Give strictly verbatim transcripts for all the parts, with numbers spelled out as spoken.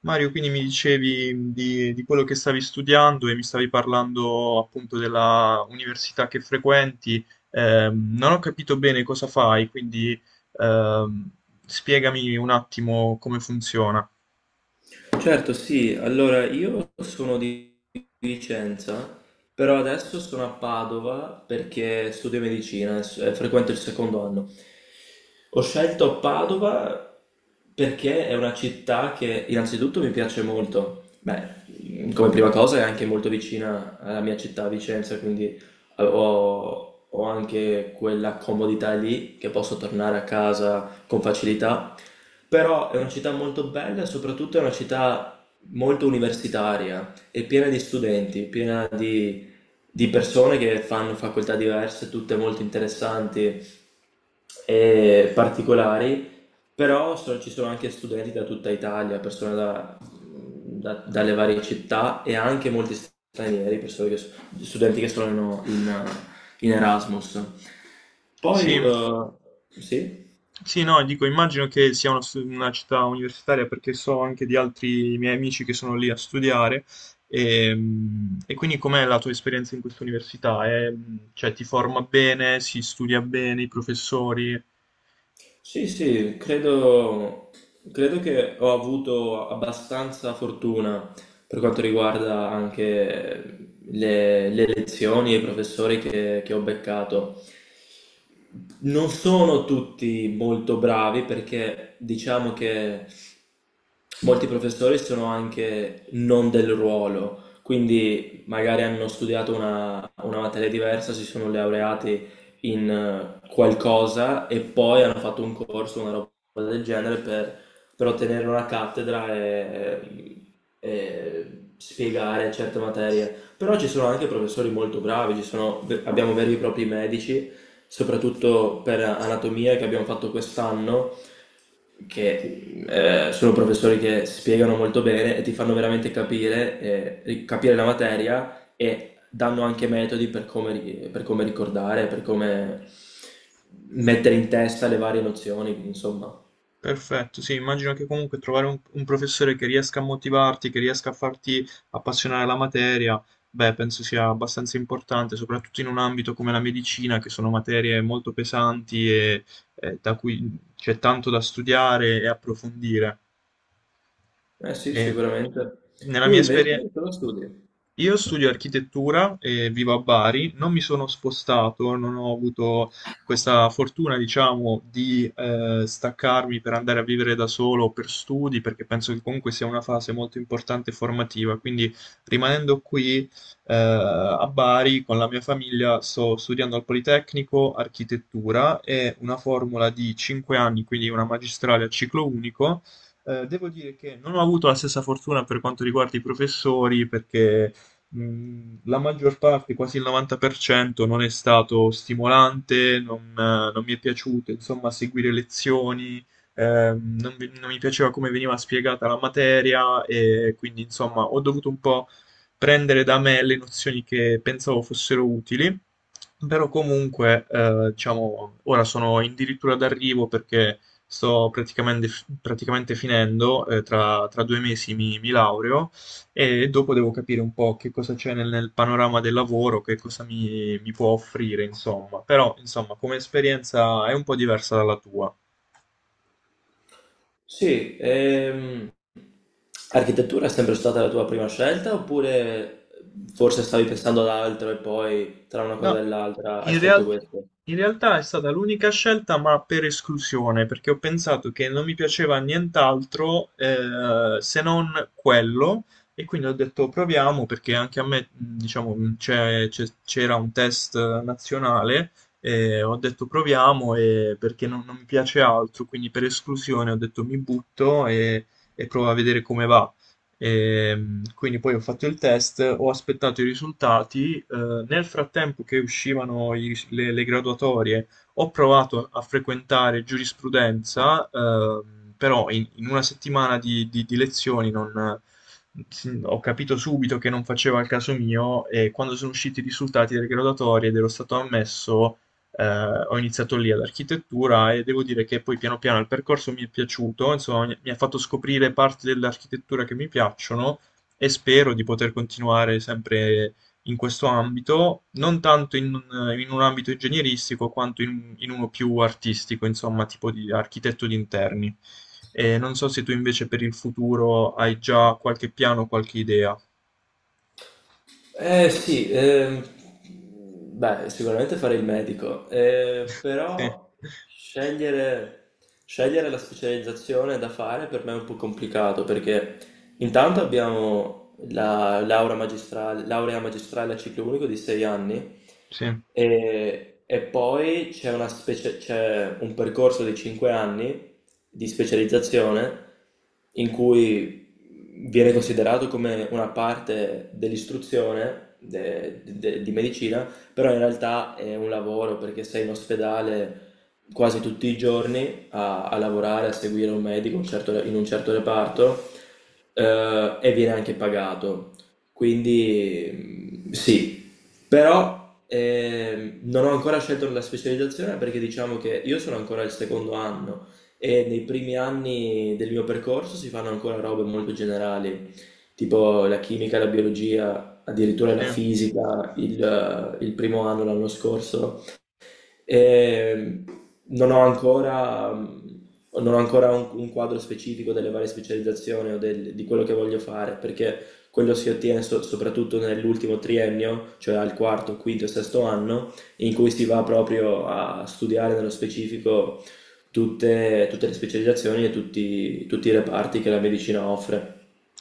Mario, quindi mi dicevi di, di quello che stavi studiando e mi stavi parlando appunto della università che frequenti. Ehm, non ho capito bene cosa fai, quindi ehm, spiegami un attimo come funziona. Certo, sì. Allora, io sono di Vicenza, però adesso sono a Padova perché studio medicina e s- e frequento il secondo anno. Ho scelto Padova perché è una città che innanzitutto mi piace molto. Beh, mm, come prima cosa è anche molto vicina alla mia città, Vicenza, quindi eh, ho, ho anche quella comodità lì che posso tornare a casa con facilità. Però è una città molto bella e soprattutto è una città molto universitaria, è piena di studenti, piena di, di persone che fanno facoltà diverse, tutte molto interessanti e particolari, però so- ci sono anche studenti da tutta Italia, persone da- da- dalle varie città e anche molti stranieri, persone che so- studenti che sono in, in Erasmus. Sì, Poi, eh, sì? sì, no, dico, immagino che sia una, stu- una città universitaria perché so anche di altri miei amici che sono lì a studiare. Ehm, E quindi com'è la tua esperienza in questa università? È- cioè, ti forma bene, si studia bene, i professori? Sì, sì, credo, credo che ho avuto abbastanza fortuna per quanto riguarda anche le, le lezioni e i professori che, che ho beccato. Non sono tutti molto bravi perché diciamo che molti professori sono anche non del ruolo, quindi magari hanno studiato una, una materia diversa, si sono laureati in eh, qualcosa e poi hanno fatto un corso, una roba del genere per, per ottenere una cattedra e, e spiegare certe materie. Però ci sono anche professori molto bravi, ci sono- abbiamo veri e propri medici, soprattutto per anatomia che abbiamo fatto quest'anno che eh, sono professori che spiegano molto bene e ti fanno veramente capire, eh, capire la materia e danno anche metodi per come, ri- per come ricordare, per come mettere in testa le varie nozioni, quindi, insomma. Perfetto, sì, immagino che comunque trovare un, un professore che riesca a motivarti, che riesca a farti appassionare la materia, beh, penso sia abbastanza importante, soprattutto in un ambito come la medicina, che sono materie molto pesanti e eh, da cui c'è tanto da studiare e approfondire. Eh sì, E sicuramente. nella Tu mia invece esperienza, cosa studi? io studio architettura e vivo a Bari, non mi sono spostato, non ho avuto questa fortuna, diciamo, di eh, staccarmi per andare a vivere da solo o per studi, perché penso che comunque sia una fase molto importante e formativa. Quindi, rimanendo qui eh, a Bari con la mia famiglia, sto studiando al Politecnico architettura, è una formula di cinque anni, quindi una magistrale a ciclo unico. Eh, devo dire che non ho avuto la stessa fortuna per quanto riguarda i professori, perché mh, la maggior parte, quasi il novanta per cento, non è stato stimolante, non, eh, non mi è piaciuto, insomma, seguire lezioni, ehm, non, mi non mi piaceva come veniva spiegata la materia e quindi, insomma, ho dovuto un po' prendere da me le nozioni che pensavo fossero utili, però comunque, eh, diciamo, ora sono addirittura d'arrivo perché Sto praticamente, praticamente finendo. Eh, tra, tra due mesi mi, mi laureo e dopo devo capire un po' che cosa c'è nel, nel panorama del lavoro, che cosa mi, mi può offrire, insomma. Però, insomma, come esperienza è un po' diversa dalla tua. Sì, ehm, architettura è sempre stata la tua prima scelta oppure forse stavi pensando ad altro e poi tra una cosa No, e l'altra hai In scelto real- questo? in realtà è stata l'unica scelta, ma per esclusione, perché ho pensato che non mi piaceva nient'altro eh, se non quello, e quindi ho detto proviamo, perché anche a me, mh, diciamo, mh, c'è- c'è- c'era un test eh, nazionale, e ho detto proviamo, e perché non, non mi piace altro, quindi per esclusione ho detto mi butto e, e provo a vedere come va. Ehm, quindi poi ho fatto il test, ho aspettato i risultati. Eh, nel frattempo che uscivano i ris- le, le graduatorie, ho provato a frequentare giurisprudenza, ehm, però in, in una settimana di, di- di lezioni non- si- ho capito subito che non faceva il caso mio e quando sono usciti i risultati delle graduatorie ed ero stato ammesso, eh, ho iniziato lì ad architettura e devo dire che poi piano piano il percorso mi è piaciuto, insomma, mi mi ha fatto scoprire parti dell'architettura che mi piacciono e spero di poter continuare sempre in questo ambito, non tanto in, un in un ambito ingegneristico quanto in, in uno più artistico, insomma, tipo di architetto di interni. E non so se tu invece per il futuro hai già qualche piano, qualche idea. Eh sì, ehm, beh, sicuramente fare il medico, eh, Sì, però scegliere, scegliere la specializzazione da fare per me è un po' complicato perché intanto abbiamo la laurea magistrale, laurea magistrale a ciclo unico di sei anni sì, e, e poi c'è una specie- c'è un percorso di cinque anni di specializzazione in cui quindi viene considerato come una parte dell'istruzione de- de- di medicina, però in realtà è un lavoro perché sei in ospedale quasi tutti i giorni a, a lavorare, a seguire un medico un certo- in un certo reparto eh, e viene anche pagato. Quindi mm, sì, però ehm, non ho ancora scelto la specializzazione perché diciamo che io sono ancora al secondo anno e nei primi anni del mio percorso si fanno ancora robe molto generali, tipo la chimica, la biologia, addirittura la sì. fisica, il, eh, il primo anno l'anno scorso. Ehm, Non ho ancora, mh, non ho ancora un, un quadro specifico delle varie specializzazioni o del- di quello che voglio fare, perché quello si ottiene so- soprattutto nell'ultimo triennio, cioè al quarto, quinto e sesto anno, in cui si va proprio a studiare nello specifico tutte, tutte le specializzazioni e tutti, tutti i reparti che la medicina offre.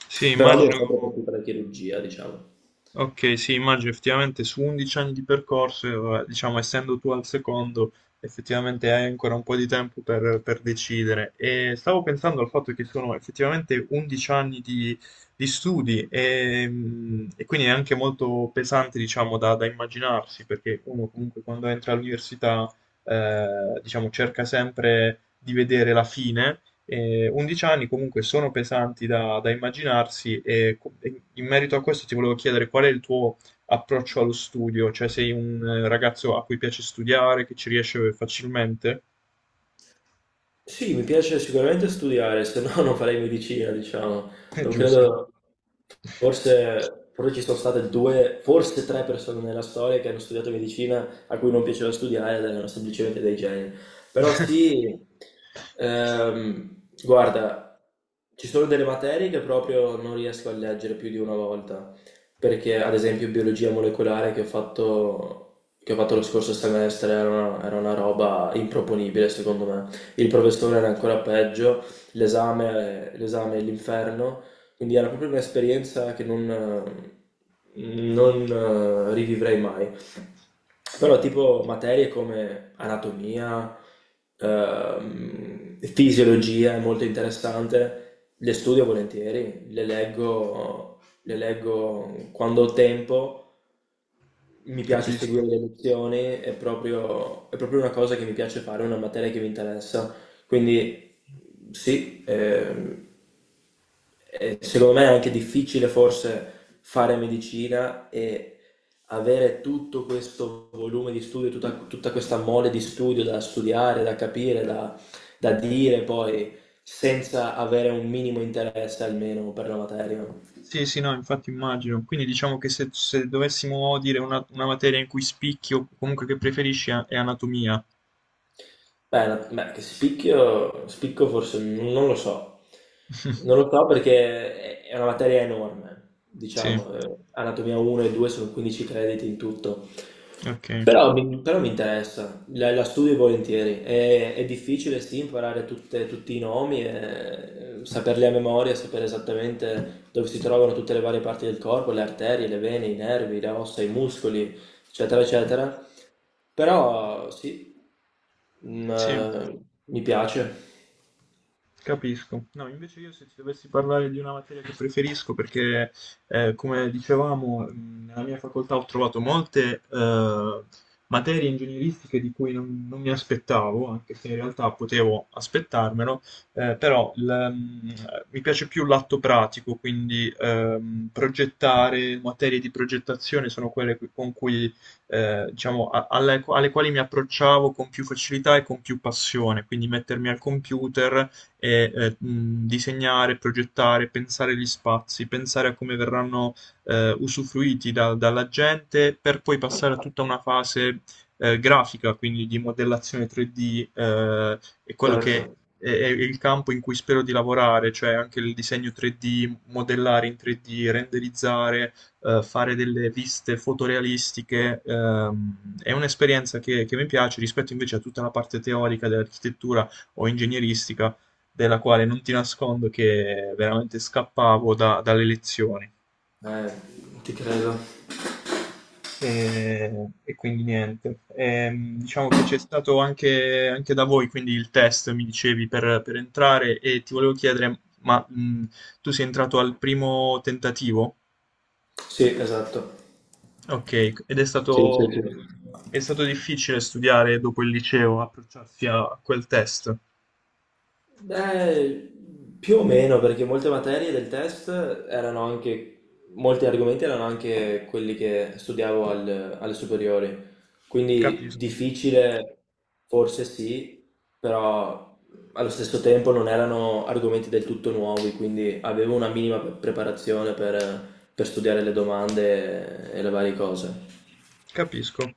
Sì, Però mi è sempre immagino. piaciuta la chirurgia, diciamo. Ok, sì, immagino effettivamente su undici anni di percorso, eh, vabbè, diciamo, essendo tu al secondo, effettivamente hai ancora un po' di tempo per, per decidere. E stavo pensando al fatto che sono effettivamente undici anni di, di studi e, mm, e quindi è anche molto pesante, diciamo, da, da immaginarsi, perché uno comunque quando entra all'università, eh, diciamo, cerca sempre di vedere la fine. eh, undici anni comunque sono pesanti da, da immaginarsi e co- e in merito a questo ti volevo chiedere qual è il tuo approccio allo studio, cioè sei un eh, ragazzo a cui piace studiare, che ci riesce facilmente? Sì, mi piace sicuramente studiare, se no non farei medicina, diciamo. È Non giusto. credo, forse, forse ci sono state due, forse tre persone nella storia che hanno studiato medicina a cui non piaceva studiare ed erano semplicemente dei geni. Però sì, ehm, guarda, ci sono delle materie che proprio non riesco a leggere più di una volta, perché ad esempio biologia molecolare che ho fatto, che ho fatto lo scorso semestre era una, era una roba improponibile secondo me. Il professore era ancora peggio, l'esame, l'esame è l'inferno, quindi era proprio un'esperienza che non, eh, non eh, rivivrei mai. Però tipo materie come anatomia, ehm, fisiologia è molto interessante, le studio volentieri, le leggo, le leggo quando ho tempo, mi piace seguire Capisco. le lezioni, è proprio, è proprio una cosa che mi piace fare, una materia che mi interessa. Quindi sì, ehm, eh, secondo me è anche difficile forse fare medicina e avere tutto questo volume di studio, tutta, tutta questa mole di studio da studiare, da capire, da, da dire poi, senza avere un minimo interesse almeno per la materia. Sì, sì, no, infatti immagino. Quindi diciamo che se, se dovessimo dire una, una materia in cui spicchi o comunque che preferisci è è anatomia. Beh, no- beh, che spicchio, spicco forse non lo so, non lo so perché è è una materia enorme, Sì, diciamo, eh, Anatomia uno e due sono quindici crediti in tutto, ok. però mi, però mi interessa, la, la studio volentieri, è, è difficile sì imparare tutte- tutti i nomi, e, eh, saperli a memoria, sapere esattamente dove si trovano tutte le varie parti del corpo, le arterie, le vene, i nervi, le ossa, i muscoli, eccetera, eccetera, però sì. Mhmm, Sì. ehm, mi piace, Capisco. No, invece io se ti dovessi parlare di una materia che preferisco, perché eh, come dicevamo, mh, nella mia facoltà ho trovato molte eh, materie ingegneristiche di cui non, non mi aspettavo, anche se in realtà potevo aspettarmelo, eh, però l- mh, mi piace più l'atto pratico, quindi ehm, progettare, materie di progettazione sono quelle cu- con cui, eh, diciamo, a- alle alle quali mi approcciavo con più facilità e con più passione, quindi mettermi al computer e eh, mh, disegnare, progettare, pensare gli spazi, pensare a come verranno eh, usufruiti da- dalla gente per poi passare a tutta una fase eh, grafica, quindi di modellazione tre D. Eh, è quello che certo. è, è il campo in cui spero di lavorare, cioè anche il disegno tre D, modellare in tre D, renderizzare, eh, fare delle viste fotorealistiche. Ehm, è un'esperienza che, che mi piace rispetto invece a tutta la parte teorica dell'architettura o ingegneristica della quale non ti nascondo che veramente scappavo da- dalle lezioni. Eh, ti credo. E, e quindi niente. Ehm, diciamo che c'è stato anche, anche da voi, quindi il test, mi dicevi, per, per entrare e ti volevo chiedere, ma mh, tu sei entrato al primo tentativo? Sì, esatto. Ok, ed è Sì, sì, stato, sì. è stato difficile studiare dopo il liceo, approcciarsi a quel test. Beh, più o meno, perché molte materie del test erano anche, molti argomenti erano anche quelli che studiavo al- alle superiori, quindi Capisco, difficile forse sì, però allo stesso tempo non erano argomenti del tutto nuovi, quindi avevo una minima pre- preparazione per, per studiare le domande e le varie cose. capisco,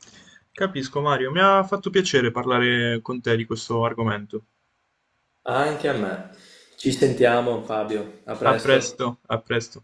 capisco Mario, mi ha fatto piacere parlare con te di questo argomento. Anche a me. Ci sentiamo, Fabio. A A presto. presto, a presto.